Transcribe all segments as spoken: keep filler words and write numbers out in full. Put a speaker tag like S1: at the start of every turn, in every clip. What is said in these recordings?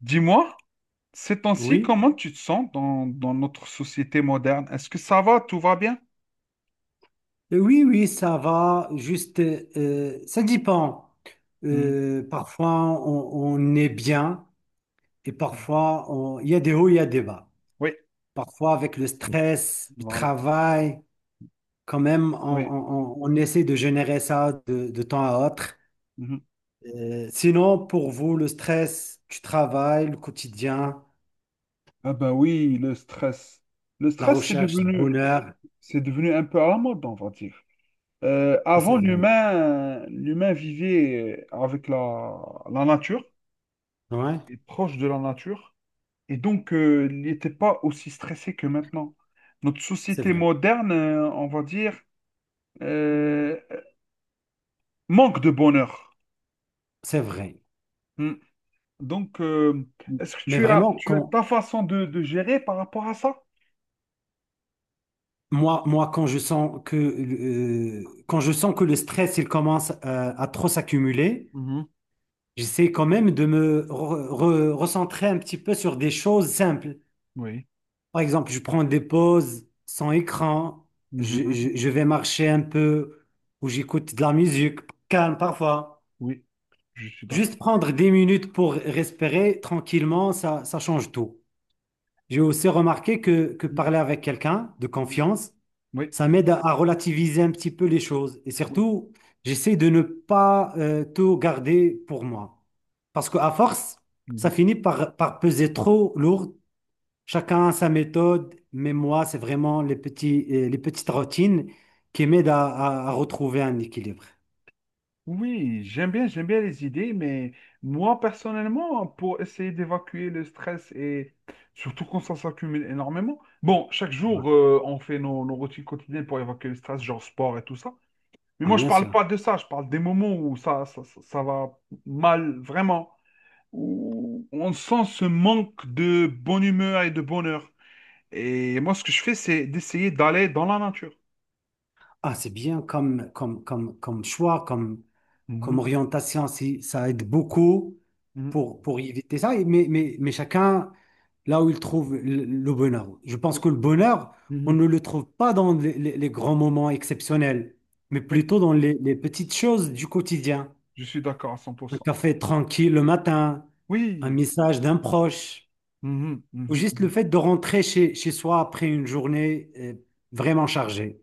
S1: Dis-moi, ces temps-ci,
S2: Oui,
S1: comment tu te sens dans, dans notre société moderne? Est-ce que ça va, tout va bien?
S2: Euh, oui, oui, ça va. Juste, euh, ça dépend.
S1: Hmm,
S2: Euh, parfois, on, on est bien et
S1: hmm.
S2: parfois, on- il y a des hauts, il y a des bas.
S1: Oui,
S2: Parfois, avec le stress, le
S1: voilà.
S2: travail, quand même, on,
S1: Oui.
S2: on- on- on essaie de générer ça de, de temps à autre.
S1: Mhm.
S2: Euh, sinon, pour vous, le stress du travail, le quotidien,
S1: Ah ben oui, le stress. Le
S2: la
S1: stress, c'est
S2: recherche du
S1: devenu,
S2: bonheur,
S1: c'est devenu un peu à la mode, on va dire. Euh,
S2: ah,
S1: avant,
S2: c'est vrai.
S1: l'humain, l'humain vivait avec la, la nature,
S2: Ouais,
S1: et proche de la nature, et donc euh, il n'était pas aussi stressé que maintenant. Notre
S2: c'est
S1: société
S2: vrai,
S1: moderne, euh, on va dire, euh, manque de bonheur.
S2: c'est vrai.
S1: Hmm. Donc, euh, est-ce que
S2: Mais
S1: tu as,
S2: vraiment,
S1: tu as
S2: quand,
S1: ta façon de, de gérer par rapport à ça?
S2: Moi, moi, quand je sens que, euh, quand je sens que le stress, il commence euh, à trop s'accumuler,
S1: Mhm.
S2: j'essaie quand même de me re- re- recentrer un petit peu sur des choses simples.
S1: Oui.
S2: Par exemple, je prends des pauses sans écran, je,
S1: Mhm.
S2: je- je vais marcher un peu ou j'écoute de la musique calme parfois.
S1: Oui, je suis
S2: Juste
S1: d'accord.
S2: prendre des minutes pour respirer tranquillement, ça, ça change tout. J'ai aussi remarqué que, que
S1: Mhm.
S2: parler avec quelqu'un de
S1: Mhm.
S2: confiance,
S1: Oui.
S2: ça m'aide à à relativiser un petit peu les choses. Et
S1: Oui.
S2: surtout, j'essaie de ne pas euh, tout garder pour moi. Parce qu'à force, ça
S1: Mhm.
S2: finit par, par peser trop lourd. Chacun a sa méthode, mais moi, c'est vraiment les petits, euh, les petites routines qui m'aident à, à- à retrouver un équilibre.
S1: Oui, j'aime bien, j'aime bien les idées, mais moi, personnellement, pour essayer d'évacuer le stress et surtout quand ça s'accumule énormément, bon, chaque jour, euh, on fait nos, nos routines quotidiennes pour évacuer le stress, genre sport et tout ça. Mais
S2: Ah,
S1: moi, je
S2: bien
S1: parle pas
S2: sûr.
S1: de ça, je parle des moments où ça, ça, ça ça va mal, vraiment. Où on sent ce manque de bonne humeur et de bonheur. Et moi, ce que je fais, c'est d'essayer d'aller dans la nature.
S2: Ah, c'est bien comme, comme, comme, comme choix, comme, comme
S1: Mhm,
S2: orientation, si- ça aide beaucoup
S1: mhm,
S2: pour, pour éviter ça. Et- mais, mais, mais chacun là où il trouve le, le bonheur. Je pense
S1: oui,
S2: que le bonheur, on
S1: mhm,
S2: ne le trouve pas dans les, les- les grands moments exceptionnels, mais
S1: oui,
S2: plutôt dans les, les petites choses du quotidien.
S1: je suis d'accord à cent pour
S2: Un
S1: cent.
S2: café tranquille le matin, un
S1: Oui,
S2: message d'un proche,
S1: mhm,
S2: ou
S1: mhm,
S2: juste le
S1: mhm.
S2: fait de rentrer chez, chez soi après une journée euh, vraiment chargée.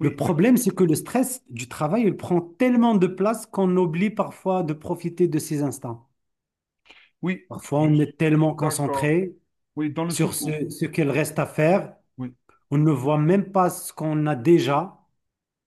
S2: Le problème, c'est que le stress du travail, il prend tellement de place qu'on oublie parfois de profiter de ces instants.
S1: oui,
S2: Parfois,
S1: je
S2: on
S1: suis
S2: est tellement
S1: d'accord.
S2: concentré
S1: Oui, dans le sens
S2: sur
S1: où...
S2: ce, ce qu'il reste à faire,
S1: Oui,
S2: on ne voit même pas ce qu'on a déjà.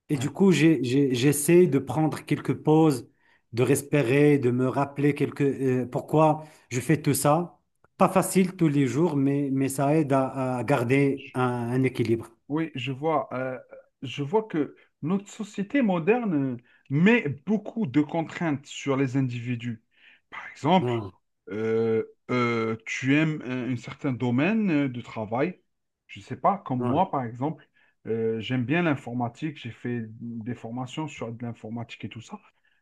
S2: Et
S1: ouais.
S2: du coup, j'ai- j'ai- j'essaie de prendre quelques pauses, de respirer, de me rappeler quelques, euh, pourquoi je fais tout ça. Pas facile tous les jours, mais, mais ça aide à, à garder un, un équilibre.
S1: Oui, je vois. Euh, je vois que notre société moderne euh, met beaucoup de contraintes sur les individus. Par exemple,
S2: Ouais,
S1: euh, euh, tu aimes un, un certain domaine euh, de travail. Je ne sais pas, comme
S2: ouais,
S1: moi, par exemple, euh, j'aime bien l'informatique. J'ai fait des formations sur de l'informatique et tout ça.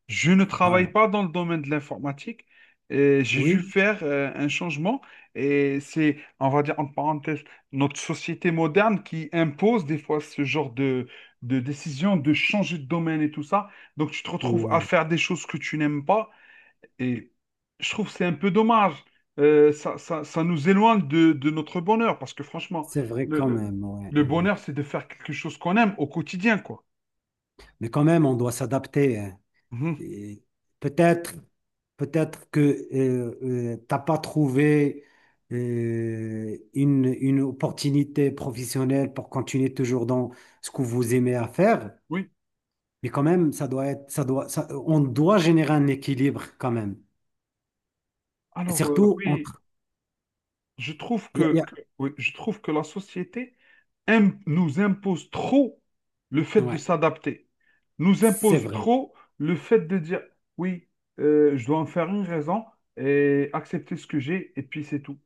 S1: Je ne
S2: ouais.
S1: travaille pas dans le domaine de l'informatique. Et j'ai dû
S2: Oui.
S1: faire euh, un changement et c'est, on va dire, en parenthèse, notre société moderne qui impose des fois ce genre de, de décision de changer de domaine et tout ça. Donc tu te retrouves à
S2: Ouais.
S1: faire des choses que tu n'aimes pas et je trouve que c'est un peu dommage. Euh, ça, ça, ça nous éloigne de, de notre bonheur parce que franchement,
S2: C'est vrai
S1: le,
S2: quand
S1: le-
S2: même, ouais.
S1: le
S2: Ouais. Ouais.
S1: bonheur, c'est de faire quelque chose qu'on aime au quotidien, quoi.
S2: Mais quand même, on doit s'adapter, hein.
S1: Mhm.
S2: Et peut-être, peut-être que euh, euh, t'as pas trouvé euh, une, une opportunité professionnelle pour continuer toujours dans ce que vous aimez à faire.
S1: Oui.
S2: Mais quand même, ça doit être, ça doit, ça- on doit générer un équilibre quand même. Et
S1: Alors, euh,
S2: surtout
S1: oui,
S2: entre,
S1: je trouve
S2: il y a-
S1: que,
S2: il y
S1: que- oui, je trouve que la société im- nous impose trop le
S2: a-
S1: fait de
S2: ouais,
S1: s'adapter, nous
S2: c'est
S1: impose
S2: vrai.
S1: trop le fait de dire oui, euh, je dois en faire une raison et accepter ce que j'ai et puis c'est tout.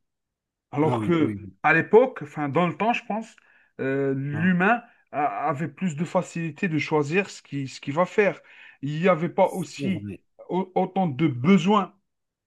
S2: Ah
S1: Alors
S2: oui,
S1: que
S2: oui, oui.
S1: à l'époque, enfin dans le temps, je pense, euh,
S2: Ah,
S1: l'humain a- avait plus de facilité de choisir ce qui, ce qu'il va faire. Il n'y avait pas
S2: c'est
S1: aussi
S2: vrai.
S1: au- autant de besoins.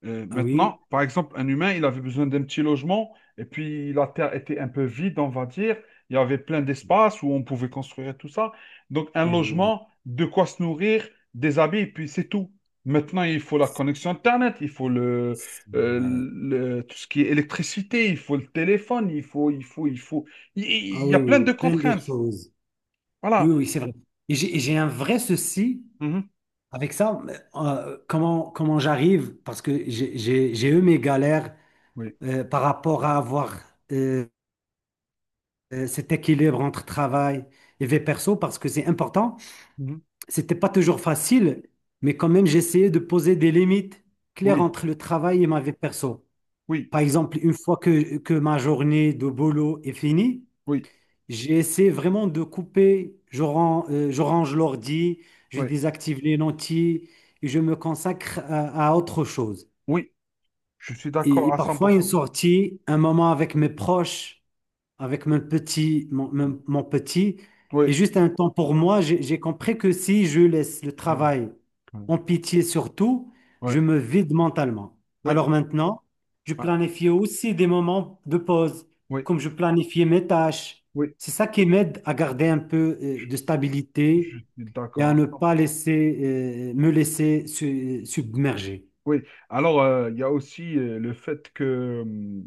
S1: euh,
S2: Ah oui,
S1: Maintenant, par exemple, un humain, il avait besoin d'un petit logement, et puis la terre était un peu vide, on va dire. Il y avait plein d'espace où on pouvait construire tout ça. Donc, un
S2: oui,
S1: logement, de quoi se nourrir, des habits, et puis c'est tout. Maintenant, il faut la
S2: c'est
S1: connexion Internet, il faut le,
S2: c'est
S1: euh,
S2: vrai.
S1: le- tout ce qui est électricité, il faut le téléphone, il faut, il faut, il faut. Il,
S2: Ah
S1: il y a
S2: oui, oui,
S1: plein de
S2: oui, plein de
S1: contraintes.
S2: choses. Oui,
S1: Voilà.
S2: oui, c'est vrai. Et j'ai j'ai un vrai souci
S1: Mhm.
S2: avec ça. euh, comment comment j'arrive, parce que j'ai j'ai- j'ai eu mes galères
S1: Oui.
S2: euh, par rapport à avoir euh, euh, cet équilibre entre travail et vie perso, parce que c'est important.
S1: Mhm.
S2: C'était pas toujours facile, mais quand même, j'essayais de poser des limites claires
S1: Oui.
S2: entre le travail et ma vie perso.
S1: Oui.
S2: Par exemple, une fois que, que ma journée de boulot est finie,
S1: Oui.
S2: j'ai essayé vraiment de couper, je, ran- euh, je range l'ordi, je
S1: Oui.
S2: désactive les lentilles et je me consacre à, à autre chose.
S1: Oui. Je suis
S2: Et, et
S1: d'accord à
S2: parfois une
S1: cent pour cent.
S2: sortie, un moment avec mes proches, avec mon petit, mon, mon- mon petit. Et
S1: Oui.
S2: juste un temps pour moi, j'ai j'ai compris que si je laisse le
S1: Oui.
S2: travail
S1: Ouais.
S2: en pitié surtout,
S1: Ouais.
S2: je me vide mentalement.
S1: Oui,
S2: Alors maintenant, je
S1: ouais.
S2: planifie aussi des moments de pause,
S1: Oui,
S2: comme je planifiais mes tâches.
S1: oui,
S2: C'est ça qui m'aide à garder un peu euh, de stabilité et
S1: d'accord.
S2: à
S1: À
S2: ne pas
S1: cent pour cent.
S2: laisser, euh, me laisser su- submerger.
S1: Oui, alors euh, il y a aussi euh, le fait que hum,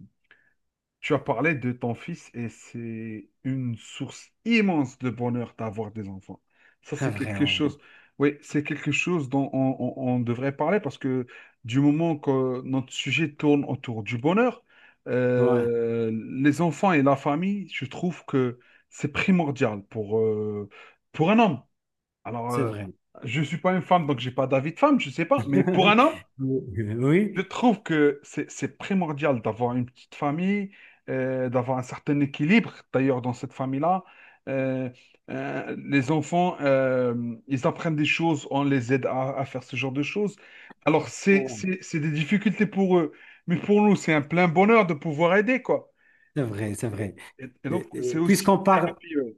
S1: tu as parlé de ton fils et c'est une source immense de bonheur d'avoir des enfants. Ça,
S2: C'est
S1: c'est
S2: vrai,
S1: quelque
S2: oui.
S1: chose, oui, c'est quelque chose dont on, on- on devrait parler parce que du moment que notre sujet tourne autour du bonheur,
S2: Ouais,
S1: euh, les enfants et la famille, je trouve que c'est primordial pour, euh, pour un homme. Alors,
S2: c'est
S1: euh,
S2: vrai.
S1: je ne suis pas une femme, donc j'ai pas d'avis de femme, je ne sais pas. Mais pour un homme, je trouve que c'est c'est primordial d'avoir une petite famille, euh, d'avoir un certain équilibre. D'ailleurs, dans cette famille-là, euh, euh, les enfants, euh, ils apprennent des choses, on les aide à, à faire ce genre de choses. Alors, c'est,
S2: Oui.
S1: c'est, c'est des difficultés pour eux. Mais pour nous, c'est un plein bonheur de pouvoir aider, quoi.
S2: C'est vrai, c'est vrai.
S1: Et, et donc,
S2: Et- et
S1: c'est aussi
S2: Puisqu'on
S1: une
S2: parle,
S1: thérapie. euh.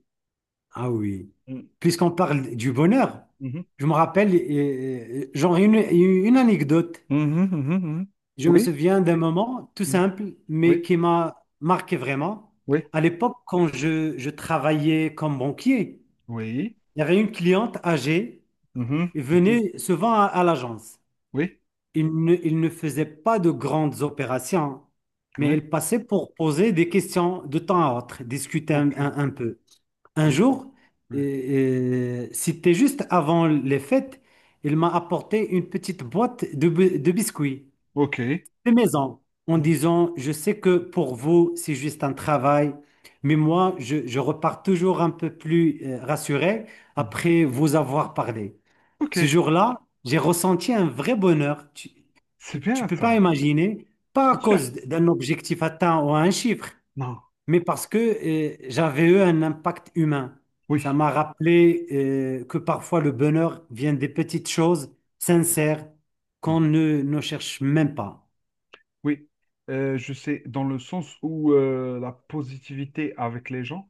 S2: ah oui,
S1: Mm.
S2: puisqu'on parle du bonheur,
S1: Mhm.
S2: je me rappelle, euh, euh, genre une, une anecdote.
S1: Mhm, mhm, mhm.
S2: Je me
S1: Oui,
S2: souviens d'un moment tout
S1: mm.
S2: simple, mais
S1: Oui,
S2: qui m'a marqué vraiment.
S1: oui.
S2: À l'époque, quand je, je travaillais comme banquier,
S1: Oui.
S2: il y avait une cliente âgée,
S1: Mhm,
S2: elle
S1: mhm.
S2: venait souvent à, à l'agence.
S1: Oui.
S2: Il ne, il ne faisait pas de grandes opérations, mais
S1: Oui.
S2: elle passait pour poser des questions de temps à autre, discuter un
S1: Ok.
S2: un- un peu. Un
S1: Ok.
S2: jour, euh,
S1: Ouais.
S2: euh, c'était juste avant les fêtes, il m'a apporté une petite boîte de, bi- de biscuits
S1: Ok.
S2: de maison en
S1: Mhm,
S2: disant, je sais que pour vous, c'est juste un travail, mais moi, je, je repars toujours un peu plus euh, rassuré
S1: mhm.
S2: après vous avoir parlé.
S1: Ok.
S2: Ce jour-là, j'ai ressenti un vrai bonheur. Tu,
S1: C'est
S2: tu
S1: bien
S2: peux pas
S1: ça.
S2: imaginer, pas à
S1: Bien sûr.
S2: cause d'un objectif atteint ou un chiffre,
S1: Non.
S2: mais parce que euh, j'avais eu un impact humain. Ça
S1: Oui.
S2: m'a rappelé euh, que parfois le bonheur vient des petites choses sincères qu'on
S1: Mhm.
S2: ne, ne cherche même pas.
S1: Oui. Euh, je sais, dans le sens où euh, la positivité avec les gens,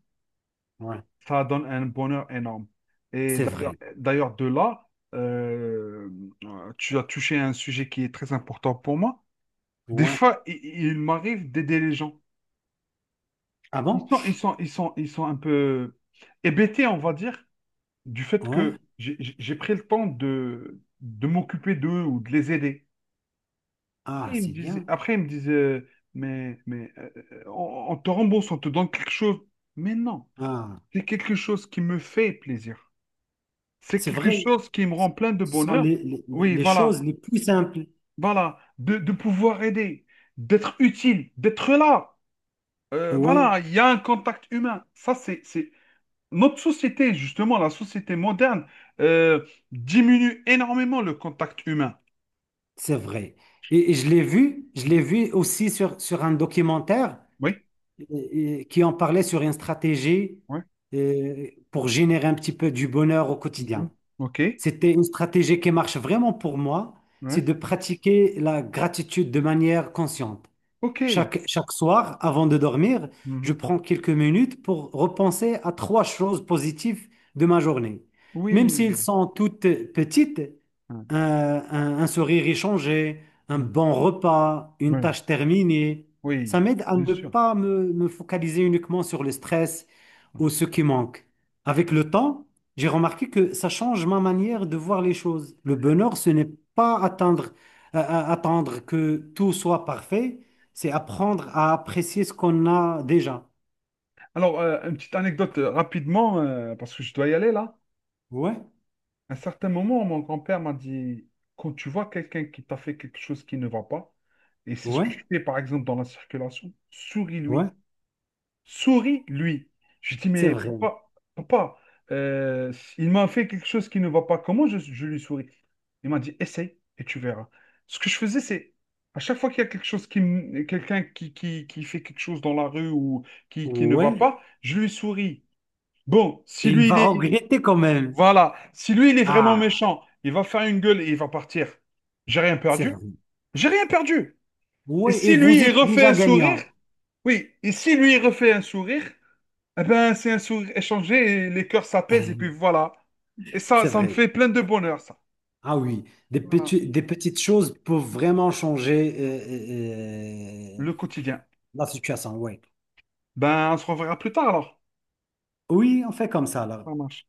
S2: Ouais,
S1: ça donne un bonheur énorme. Et
S2: c'est
S1: d'ailleurs,
S2: vrai.
S1: d'ailleurs de là, euh, euh, tu as touché à un sujet qui est très important pour moi. Des
S2: Ouais.
S1: fois, il, il m'arrive d'aider les gens.
S2: Ah
S1: Ils
S2: bon?
S1: sont, ils sont, ils sont, ils sont un peu hébétés, on va dire, du fait
S2: Ouais.
S1: que j'ai j'ai- pris le temps de, de m'occuper d'eux ou de les aider.
S2: Ah,
S1: Après, ils me
S2: c'est
S1: disaient,
S2: bien.
S1: après, ils me disaient, euh, mais, mais euh, euh, on, on te rembourse, on te donne quelque chose. Mais non,
S2: Ah,
S1: c'est quelque chose qui me fait plaisir. C'est
S2: c'est
S1: quelque
S2: vrai.
S1: chose qui me rend plein de
S2: Ce sont
S1: bonheur.
S2: les, les-
S1: Oui,
S2: les choses
S1: voilà,
S2: les plus simples.
S1: voilà, de, de pouvoir aider, d'être utile, d'être là. Euh,
S2: Ouais,
S1: voilà, il y a un contact humain. Ça, c'est, c'est, notre société, justement, la société moderne, euh, diminue énormément le contact humain.
S2: c'est vrai. Et, et je l'ai vu, je l'ai
S1: Mhm.
S2: vu aussi sur, sur un documentaire.
S1: Oui,
S2: et- et qui en parlait sur une stratégie
S1: oui.
S2: euh, pour générer un petit peu du bonheur au
S1: Mhm.
S2: quotidien.
S1: OK.
S2: C'était une stratégie qui marche vraiment pour moi, c'est
S1: Ouais.
S2: de pratiquer la gratitude de manière consciente.
S1: OK.
S2: Chaque, chaque soir, avant de dormir, je
S1: Mhm.
S2: prends quelques minutes pour repenser à trois choses positives de ma journée. Même s'ils
S1: Oui.
S2: sont toutes petites,
S1: Ouais,
S2: un, un- un sourire échangé, un
S1: ouais,
S2: bon repas, une
S1: ouais,
S2: tâche terminée,
S1: oui,
S2: ça m'aide à
S1: bien
S2: ne
S1: sûr.
S2: pas me, me focaliser uniquement sur le stress
S1: Ouais.
S2: ou ce qui manque. Avec le temps, j'ai remarqué que ça change ma manière de voir les choses. Le bonheur, ce n'est pas attendre euh, euh, attendre que tout soit parfait, c'est apprendre à apprécier ce qu'on a déjà.
S1: Alors, euh, une petite anecdote euh, rapidement, euh, parce que je dois y aller là.
S2: Ouais,
S1: À un certain moment, mon grand-père m'a dit, quand tu vois quelqu'un qui t'a fait quelque chose qui ne va pas, et c'est ce que
S2: ouais,
S1: je fais par exemple dans la circulation, souris-lui.
S2: ouais,
S1: Souris, lui. Je dis,
S2: c'est
S1: mais
S2: vrai.
S1: papa, papa, euh, il m'a fait quelque chose qui ne va pas. Comment je, je lui souris? Il m'a dit, essaye et tu verras. Ce que je faisais, c'est à chaque fois qu'il y a quelque chose qui, m- quelqu'un qui, qui, qui fait quelque chose dans la rue ou qui, qui ne va
S2: Ouais,
S1: pas, je lui souris. Bon, si
S2: et il
S1: lui, il
S2: va
S1: est, il-
S2: regretter quand même.
S1: voilà, si lui, il est vraiment
S2: Ah,
S1: méchant, il va faire une gueule et il va partir. J'ai rien
S2: c'est
S1: perdu.
S2: vrai.
S1: J'ai rien perdu. Et
S2: Ouais, et
S1: si lui,
S2: vous
S1: il
S2: êtes
S1: refait
S2: déjà
S1: un sourire,
S2: gagnant.
S1: oui, et si lui, il refait un sourire, eh ben, c'est un sourire échangé et les cœurs s'apaisent et puis voilà. Et ça,
S2: C'est
S1: ça me
S2: vrai.
S1: fait plein de bonheur, ça.
S2: Ah oui, des
S1: Voilà.
S2: petits- des petites choses peuvent vraiment changer euh, euh, euh,
S1: Le quotidien.
S2: la situation. Ouais.
S1: Ben, on se reverra plus tard alors.
S2: Oui, on fait comme ça là.
S1: Ça marche.